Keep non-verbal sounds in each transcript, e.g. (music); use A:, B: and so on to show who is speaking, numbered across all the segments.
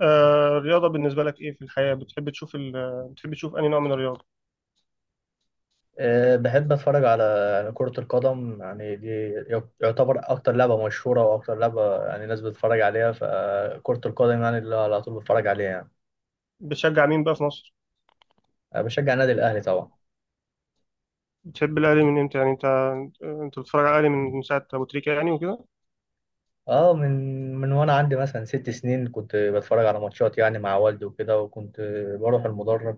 A: آه، الرياضة بالنسبة لك إيه في الحياة؟ بتحب تشوف بتحب تشوف أي نوع من الرياضة؟
B: أه، بحب أتفرج على يعني كرة القدم. يعني دي يعتبر أكتر لعبة مشهورة وأكتر لعبة يعني الناس بتتفرج عليها. فكرة القدم يعني اللي على طول بتفرج عليها يعني.
A: بتشجع مين بقى في مصر؟
B: أنا بشجع النادي الأهلي طبعا.
A: بتحب الأهلي من إمتى؟ يعني أنت، أنت بتتفرج على الأهلي من ساعة أبو تريكة يعني وكده؟
B: أه، من وأنا عندي مثلا 6 سنين كنت بتفرج على ماتشات يعني مع والدي وكده، وكنت بروح المدرج.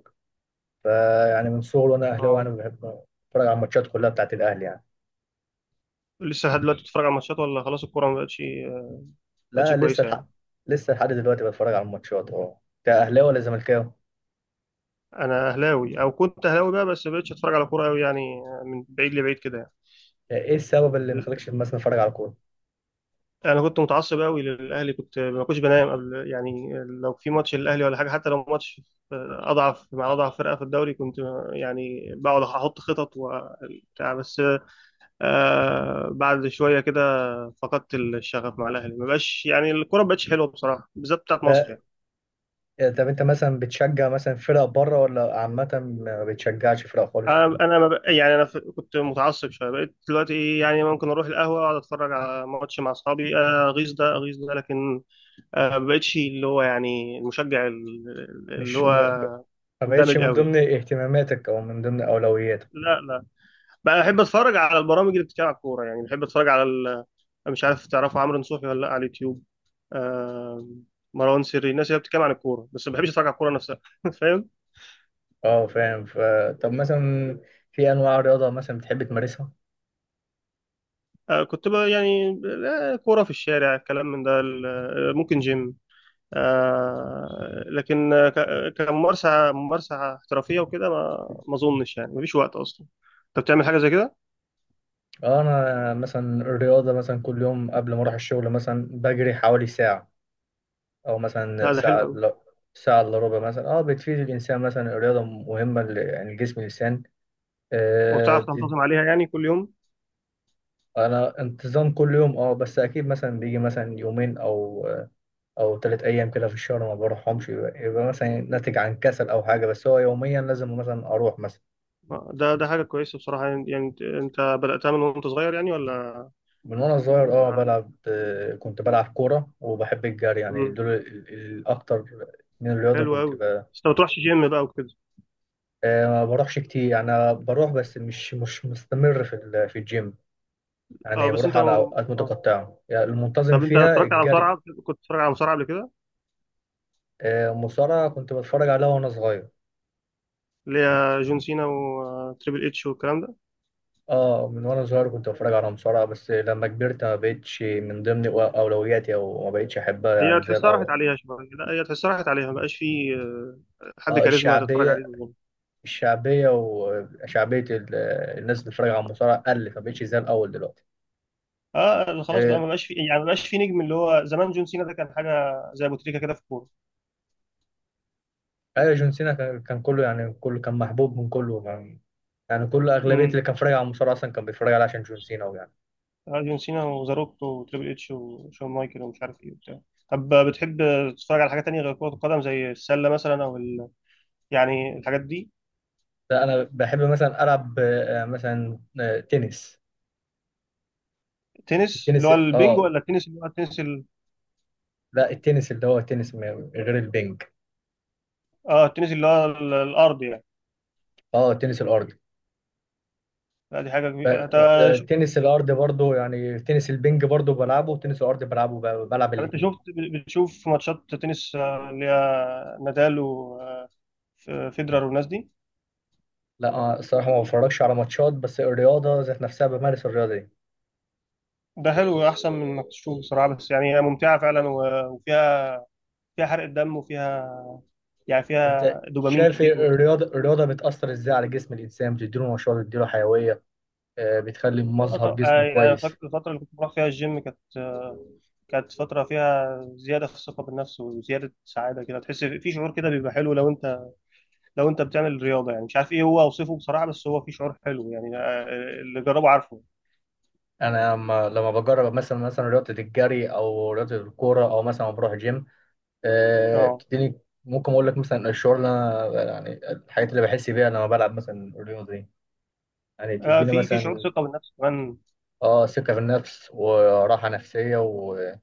B: فيعني من صغري وأنا أهلاوي يعني
A: أه،
B: بحب أتفرج على الماتشات كلها بتاعت الأهلي يعني.
A: لسه لحد دلوقتي بتتفرج على ماتشات، ولا خلاص الكورة ما بقتش، ما بقتش
B: لا لسه
A: كويسة يعني؟
B: الحق، لسه لحد دلوقتي بتفرج على الماتشات. أه أنت أهلاوي ولا زملكاوي؟
A: أنا أهلاوي، أو كنت أهلاوي بقى، بس ما بقتش أتفرج على كورة أوي يعني، من بعيد لبعيد كده.
B: إيه السبب اللي
A: يعني،
B: مخليكش مثلا أتفرج على الكورة؟
A: انا كنت متعصب قوي للاهلي، كنت ما كنتش بنام قبل، يعني لو في ماتش للاهلي ولا حاجه. حتى لو ماتش اضعف مع اضعف فرقه في الدوري، كنت يعني بقعد احط خطط وبتاع. بس بعد شويه كده فقدت الشغف مع الاهلي، ما بقاش يعني الكوره ما بقتش حلوه بصراحه، بالذات بتاعت مصر
B: ده
A: يعني.
B: آه، طب انت مثلا بتشجع مثلا فرق بره ولا عامة، ما بتشجعش فرق خالص؟
A: انا انا ما بق- يعني كنت متعصب شويه، بقيت دلوقتي يعني ممكن اروح القهوه، اقعد اتفرج على ماتش مع اصحابي، اغيظ ده، اغيظ ده، لكن ما بقتش اللي هو يعني المشجع اللي
B: مش ما
A: هو
B: ب- ما بقتش
A: مندمج
B: من
A: قوي.
B: ضمن اهتماماتك او من ضمن اولوياتك.
A: لا، لا. بقى احب اتفرج على البرامج اللي بتتكلم على الكوره، يعني بحب اتفرج على أنا مش عارف تعرفوا عمرو نصوحي ولا لا، على اليوتيوب. آه... مروان سري، الناس اللي بتتكلم عن الكوره، بس ما بحبش اتفرج على الكوره نفسها (laughs) فاهم؟
B: اه فاهم، ف طب مثلا في انواع رياضة مثلا بتحب تمارسها؟
A: آه كنت بقى يعني، لا، كوره في الشارع، الكلام من ده، ممكن جيم، آه. لكن كممارسه، ممارسه احترافيه وكده، ما اظنش، يعني مفيش وقت اصلا. انت بتعمل حاجه زي كده؟
B: اه انا مثلا الرياضة مثلا كل يوم قبل ما اروح الشغل مثلا بجري حوالي ساعة، او مثلا
A: لا، ده حلو
B: ساعة،
A: قوي.
B: لا ساعة الا ربع مثلا. اه بتفيد الانسان مثلا، الرياضة مهمة ل- يعني الجسم والانسان.
A: وبتعرف تنتظم عليها يعني كل يوم؟
B: انا انتظام كل يوم اه، بس اكيد مثلا بيجي مثلا يومين او او 3 ايام كده في الشهر ما بروحهمش. يبقى مثلا ناتج عن كسل او حاجه، بس هو يوميا لازم مثلا اروح مثلا.
A: ده، ده حاجة كويسة بصراحة. يعني، يعني انت، انت بدأتها من وانت صغير يعني، ولا؟
B: من وانا صغير
A: آه،
B: اه
A: على-
B: بلعب، آه، كنت بلعب كوره وبحب الجري. يعني
A: مم،
B: دول ال- الاكتر من الرياضه
A: حلو
B: كنت
A: قوي.
B: ب...
A: بس انت ما بتروحش جيم بقى وكده؟
B: آه، ما بروحش كتير يعني، أنا بروح بس مش مستمر في ال- في الجيم.
A: اه.
B: يعني
A: بس
B: بروح
A: انت
B: على اوقات متقطعه، يعني المنتظم
A: طب انت
B: فيها
A: اتفرجت على
B: الجري.
A: مصارعة؟ كنت بتتفرج على مصارعة قبل كده؟
B: آه، المصارعه كنت بتفرج عليها وانا صغير.
A: اللي هي جون سينا وتريبل اتش والكلام ده.
B: اه من وانا صغير كنت بتفرج على مصارعة، بس لما كبرت ما بقتش من ضمن اولوياتي او ما بقتش احبها
A: هي
B: يعني زي
A: تحسها راحت
B: الاول.
A: عليها شوية، لا هي تحسها راحت عليها، ما بقاش في حد
B: اه
A: كاريزما تتفرج
B: الشعبية،
A: عليه زي زمان.
B: الشعبية وشعبية ال- الناس اللي بتتفرج على المصارعة قلت، ما بقتش زي الاول دلوقتي.
A: اه خلاص بقى، ما
B: آه،
A: بقاش في، يعني ما بقاش في نجم اللي هو زمان جون سينا ده، كان حاجة زي ابو تريكة كده في الكورة.
B: ايوه جون سينا كان كله يعني، كله كان محبوب من كله يعني. يعني كل اغلبية اللي كان بيتفرج على المصارعة اصلا كان بيتفرج عليها عشان جون سينا ويعني.
A: آه، جون سينا وزاروك وتريبل اتش وشون مايكل ومش عارف ايه وبتاع. طب بتحب تتفرج على حاجة تانية غير كرة القدم، زي السلة مثلا او يعني الحاجات دي؟
B: لا انا بحب مثلا العب آه، مثلا آه، تنس.
A: تنس اللي
B: التنس
A: هو البينج،
B: اه،
A: ولا التنس اللي هو التنس
B: لا التنس اللي هو التنس م- غير البنج.
A: اه، التنس اللي هو الارض يعني؟
B: اه تنس الارض
A: لا، دي حاجة
B: ب-
A: كبيرة انت.
B: آه،
A: شو-
B: تنس الارض برضو يعني، تنس البنج برضو بلعبه وتنس الارض بلعبه ب- بلعب
A: طب انت
B: الاثنين.
A: شفت، بتشوف ماتشات تنس، اللي هي نادال و فيدرر والناس دي؟
B: لا آه، الصراحه ما بتفرجش على ماتشات، بس الرياضه ذات نفسها بمارس الرياضه دي.
A: ده حلو، احسن من انك تشوف بصراحة. بس يعني هي ممتعة فعلا، وفيها، فيها حرق الدم وفيها، يعني
B: انت
A: فيها دوبامين
B: شايف إيه؟
A: كتير وبتاع.
B: الرياضه، الرياضه بتاثر ازاي على جسم الانسان، بتديله نشاط، بتديله حيويه، آه، بتخلي مظهر جسمه
A: يعني أنا فاكر
B: كويس.
A: الفترة اللي كنت بروح فيها الجيم، كانت كانت فترة فيها زيادة في الثقة بالنفس وزيادة سعادة كده. تحس في شعور كده بيبقى حلو لو أنت، لو أنت بتعمل رياضة. يعني مش عارف إيه هو، أوصفه بصراحة، بس هو في شعور حلو يعني، اللي جربه عارفه.
B: انا لما بجرب مثلا رياضه الجري او رياضه الكوره او مثلا بروح جيم، آه،
A: أه،
B: بتديني. ممكن اقول لك مثلا الشعور اللي انا يعني الحاجات اللي بحس بيها لما بلعب مثلا الرياضه دي، يعني تديني
A: في، في شعور
B: مثلا
A: ثقة بالنفس كمان.
B: اه ثقة في النفس وراحة نفسية و-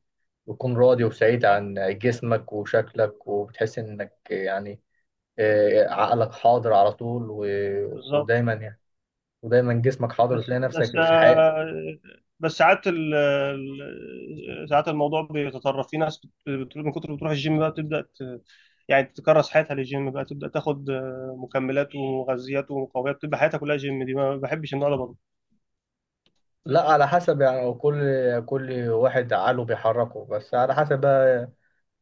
B: وتكون راضي وسعيد عن
A: آه،
B: جسمك وشكلك، وبتحس انك يعني آه، عقلك حاضر على طول و-
A: بالظبط.
B: ودايما يعني ودايما جسمك حاضر
A: بس
B: وتلاقي
A: بس
B: نفسك في حياة.
A: آه، بس ساعات ساعات الموضوع بيتطرف، في ناس من كتر ما بتروح الجيم بقى بتبدأ يعني تكرس حياتها للجيم، بقى تبدأ تاخد مكملات ومغذيات ومقويات، بتبقى حياتها كلها جيم. دي ما بحبش النوع ده برضه.
B: لا على حسب، يعني كل واحد عقله بيحركه، بس على حسب بقى.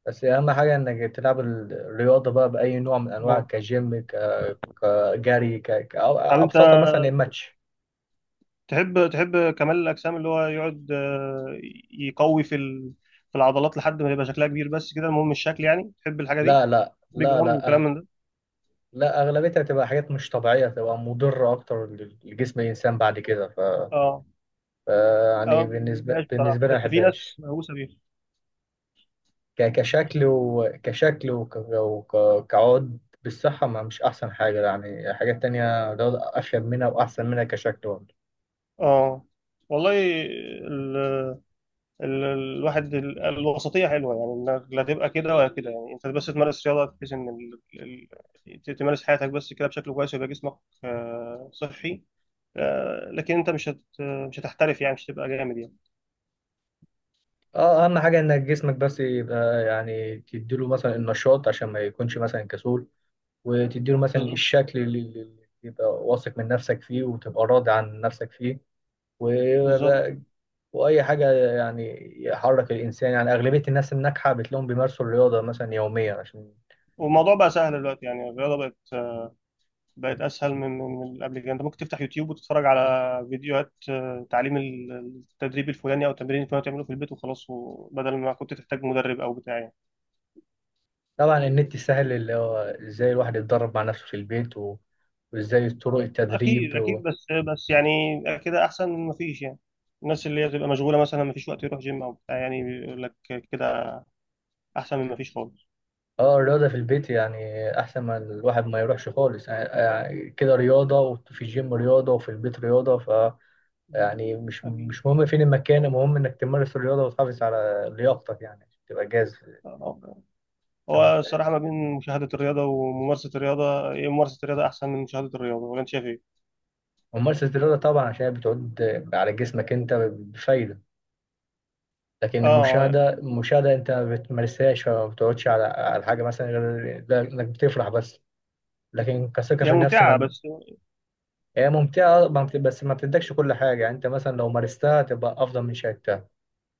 B: بس أهم حاجة إنك تلعب الرياضة بقى بأي نوع من أنواع،
A: اه.
B: كجيم ك- كجري ك... ك- أو
A: طب انت
B: أبسطها مثلا الماتش.
A: تحب، تحب كمال الاجسام، اللي هو يقعد يقوي في في العضلات لحد ما يبقى شكلها كبير بس كده، المهم الشكل، يعني تحب الحاجة دي؟
B: لا لا
A: بيج
B: لا
A: رامي
B: لا،
A: وكلام من ده.
B: لا اغلبيتها هتبقى حاجات مش طبيعيه، هتبقى مضره اكتر لجسم الانسان بعد كده ف...
A: اه.
B: ف يعني
A: اه ما
B: بالنسبه
A: بحبهاش بصراحة،
B: بالنسبه لي ما
A: بس في ناس
B: بحبهاش.
A: مهووسة بيها.
B: ك... كشكل وكشكل وك... وك... كعود بالصحه، ما مش احسن حاجه. يعني حاجات تانية ده افيد منها واحسن منها كشكل برضه.
A: اه، والله. ال... الواحد الوسطيه حلوه، يعني إنك لا تبقى كده ولا كده. يعني انت بس تمارس رياضه بحيث ان تمارس حياتك بس كده بشكل كويس، ويبقى جسمك صحي. لكن انت مش هتحترف، يعني مش هتبقى جامد يعني.
B: اه اهم حاجه انك جسمك بس يبقى، يعني تديله مثلا النشاط عشان ما يكونش مثلا كسول. وتديله مثلا
A: بالظبط.
B: الشكل اللي اللي- اللي يبقى واثق من نفسك فيه وتبقى راضي عن نفسك فيه.
A: بالظبط.
B: واي حاجه يعني يحرك الانسان. يعني اغلبيه الناس الناجحه بتلاقيهم بيمارسوا الرياضه مثلا يوميا عشان.
A: والموضوع بقى سهل دلوقتي، يعني الرياضه بقت، بقت اسهل من من قبل كده. انت ممكن تفتح يوتيوب وتتفرج على فيديوهات تعليم التدريب الفلاني او التمرين الفلاني، تعمله في البيت وخلاص، وبدل ما كنت تحتاج مدرب او بتاع يعني.
B: طبعا النت سهل اللي هو ازاي الواحد يتدرب مع نفسه في البيت و... وازاي طرق التدريب
A: اكيد،
B: و...
A: اكيد. بس، بس يعني كده احسن من مفيش، يعني الناس اللي هي بتبقى مشغوله مثلا، مفيش وقت يروح جيم او بتاع، يعني بيقول لك كده احسن من مفيش خالص.
B: اه الرياضه في البيت يعني احسن ما الواحد ما يروحش خالص يعني. يعني كده رياضه وفي الجيم رياضه وفي البيت رياضه، ف يعني مش
A: اكيد.
B: مش مهم فين المكان، المهم انك تمارس الرياضه وتحافظ على لياقتك يعني عشان تبقى جاهز
A: آه. هو
B: كمستعد.
A: الصراحه ما بين مشاهده الرياضه وممارسه الرياضه، إيه، ممارسه الرياضه احسن من مشاهده الرياضه ولا انت شايف ايه؟
B: وممارسه الرياضه طبعا عشان هي بتعود على جسمك انت بفايده. لكن
A: اه.
B: المشاهدة أنت ما بتمارسهاش، فما بتقعدش على على حاجة مثلا غير ده إنك بتفرح بس. لكن كثقة
A: هي
B: في النفس،
A: ممتعه
B: ما
A: بس.
B: هي ممتعة ما بت- بس ما بتدكش كل حاجة. يعني أنت مثلا لو مارستها تبقى أفضل من شاهدتها.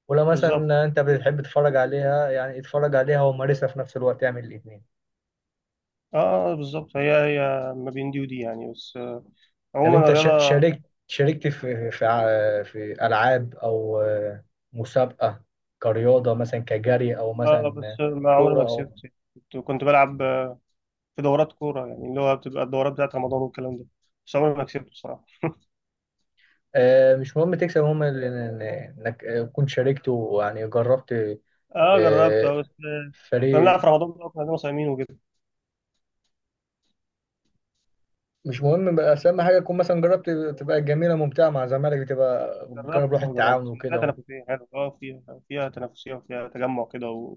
B: ولو
A: بالظبط.
B: مثلا أنت بتحب تتفرج عليها يعني اتفرج عليها ومارسها في نفس الوقت، اعمل الاتنين.
A: اه، بالظبط. هي ما بين دي ودي يعني. بس
B: طب
A: عموما
B: أنت شا-
A: الرياضه.
B: شاركت شاركت في ألعاب أو آه، مسابقة كرياضة مثلا كجري أو
A: اه، بس
B: مثلا
A: ما عمري
B: كورة
A: ما
B: أو.
A: كسبت. كنت، كنت بلعب في دورات كورة، يعني اللي هو بتبقى الدورات بتاعت رمضان والكلام ده. بس عمري ما كسبته بصراحة.
B: آه، مش مهم تكسب، المهم ال- إن- انك آه، كنت شاركت ويعني جربت،
A: اه جربت،
B: آه،
A: اه بس كنا بنلعب
B: فريق.
A: في رمضان بقى، كنا صايمين وكده.
B: مش مهم بقى، بس اهم حاجه تكون مثلا جربت. تبقى جميله ممتعه مع زمالك، بتبقى
A: جربت
B: جرب روح
A: اه، جربت
B: التعاون
A: فيها
B: وكده.
A: تنافسية، حلو، اه فيها، فيها تنافسية وفيها تجمع كده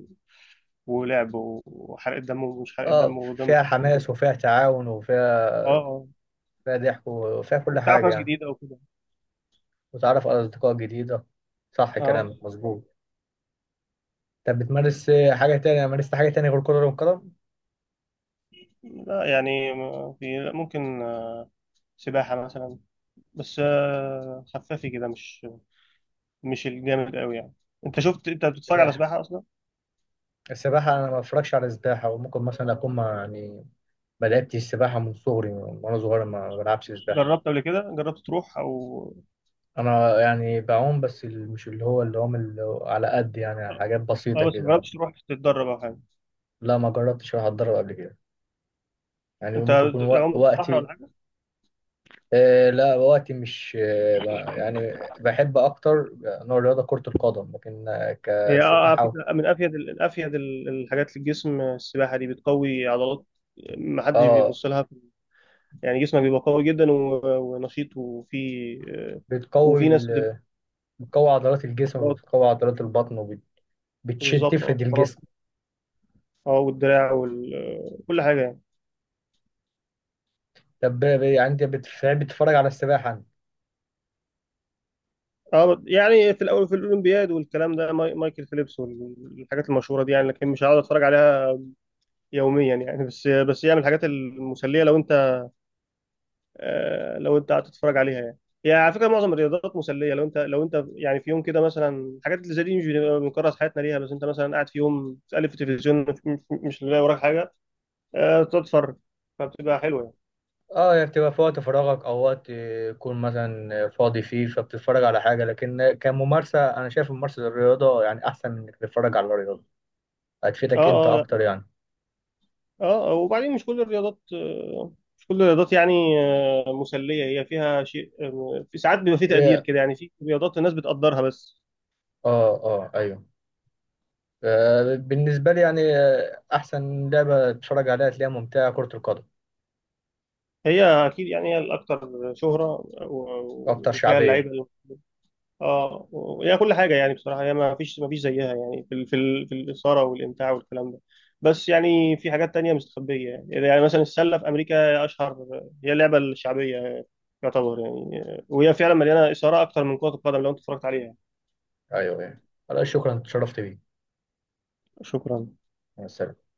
A: ولعب وحرق الدم، ومش حرق الدم،
B: اه
A: ودم
B: فيها
A: خفيف وكده.
B: حماس وفيها تعاون
A: اه
B: وفيها،
A: اه.
B: فيها ضحك وفيها كل
A: وبتعرف
B: حاجه
A: ناس
B: يعني.
A: جديدة وكده.
B: وتعرف على اصدقاء جديده. صح،
A: اه،
B: كلامك مظبوط. طب بتمارس آه، حاجه تانية؟ مارست حاجه تانية غير كره القدم؟
A: لا يعني ما في، لا ممكن سباحة مثلا، بس خفافي كده، مش مش الجامد قوي يعني. انت شفت، انت بتتفرج على
B: السباحه،
A: سباحة اصلا؟
B: السباحه انا ما بفرجش على السباحه، وممكن مثلا اكون مع- يعني بدأت السباحة من صغري. وأنا صغير ما بلعبش سباحة.
A: جربت قبل كده، جربت تروح او،
B: أنا يعني بعوم بس ال- مش اللي هو اللي هم اللي على قد يعني،
A: اه.
B: حاجات بسيطة
A: بس ما
B: كده.
A: جربتش تروح تتدرب او حاجه؟
B: لا ما جربتش أروح أتدرب قبل كده. يعني
A: انت
B: ممكن يكون
A: عمت
B: وق-
A: في البحر
B: وقتي
A: ولا حاجه؟
B: آه لا، وقتي مش آه ب- يعني بحب أكتر نوع الرياضة كرة القدم، لكن آه،
A: هي اه، على
B: كسباحة
A: فكره من افيد، من افيد الحاجات للجسم السباحه دي، بتقوي عضلات، ما حدش
B: آه،
A: بيبص لها. يعني جسمك بيبقى قوي جدا ونشيط، وفي آه،
B: بتقوي
A: وفي ناس بتبقى
B: ال- بتقوي عضلات الجسم
A: فقرات.
B: وبتقوي عضلات البطن وبتشد
A: بالظبط، اه
B: تفرد
A: الفقرات.
B: الجسم.
A: اه والدراع وكل حاجه يعني.
B: طب يعني أنت بتف- بتتفرج على السباحة أنت؟
A: اه يعني في الاول، في الاولمبياد والكلام ده، مايكل فيليبس والحاجات المشهوره دي يعني، لكن مش هقعد اتفرج عليها يوميا يعني. بس، بس هي من الحاجات المسليه لو انت، لو انت قاعد تتفرج عليها يعني. هي على فكره معظم الرياضات مسليه، لو انت، لو انت يعني في يوم كده مثلا. الحاجات اللي زي دي مش بنبقى بنكرس حياتنا ليها، بس انت مثلا قاعد في يوم تقلب في التلفزيون، مش، مش لاقي وراك حاجه، تقعد تتفرج، فبتبقى حلوه يعني.
B: اه يعني بتبقى في وقت فراغك او وقت يكون مثلا فاضي فيه، فبتتفرج على حاجه. لكن كممارسه انا شايف ممارسه الرياضه يعني احسن من انك تتفرج على الرياضه، هتفيدك انت
A: اه، اه.
B: اكتر يعني.
A: اه وبعدين مش كل الرياضات، مش كل الرياضات يعني مسليه، هي فيها شيء، في ساعات بيبقى في تقدير
B: هي
A: كده، يعني في رياضات الناس بتقدرها بس.
B: اه، اه ايوه، آه، بالنسبه لي يعني آه، احسن لعبه تتفرج عليها تلاقيها ممتعه كره القدم،
A: هي اكيد يعني، هي الاكثر شهره،
B: اكتر
A: وفيها
B: شعبيه.
A: اللعيبه اه، وهي كل حاجه يعني. بصراحه هي ما فيش زيها يعني، في في الاثاره والامتاع والكلام ده. بس يعني في حاجات تانية مستخبيه يعني، يعني مثلا السله في امريكا اشهر، هي اللعبه الشعبيه يعتبر يعني، وهي فعلا مليانه اثاره اكتر من كره القدم لو انت اتفرجت عليها.
B: ايوه ايوه. خلاص، شكرا، اتشرفت بيك.
A: شكرا.
B: مع السلامه.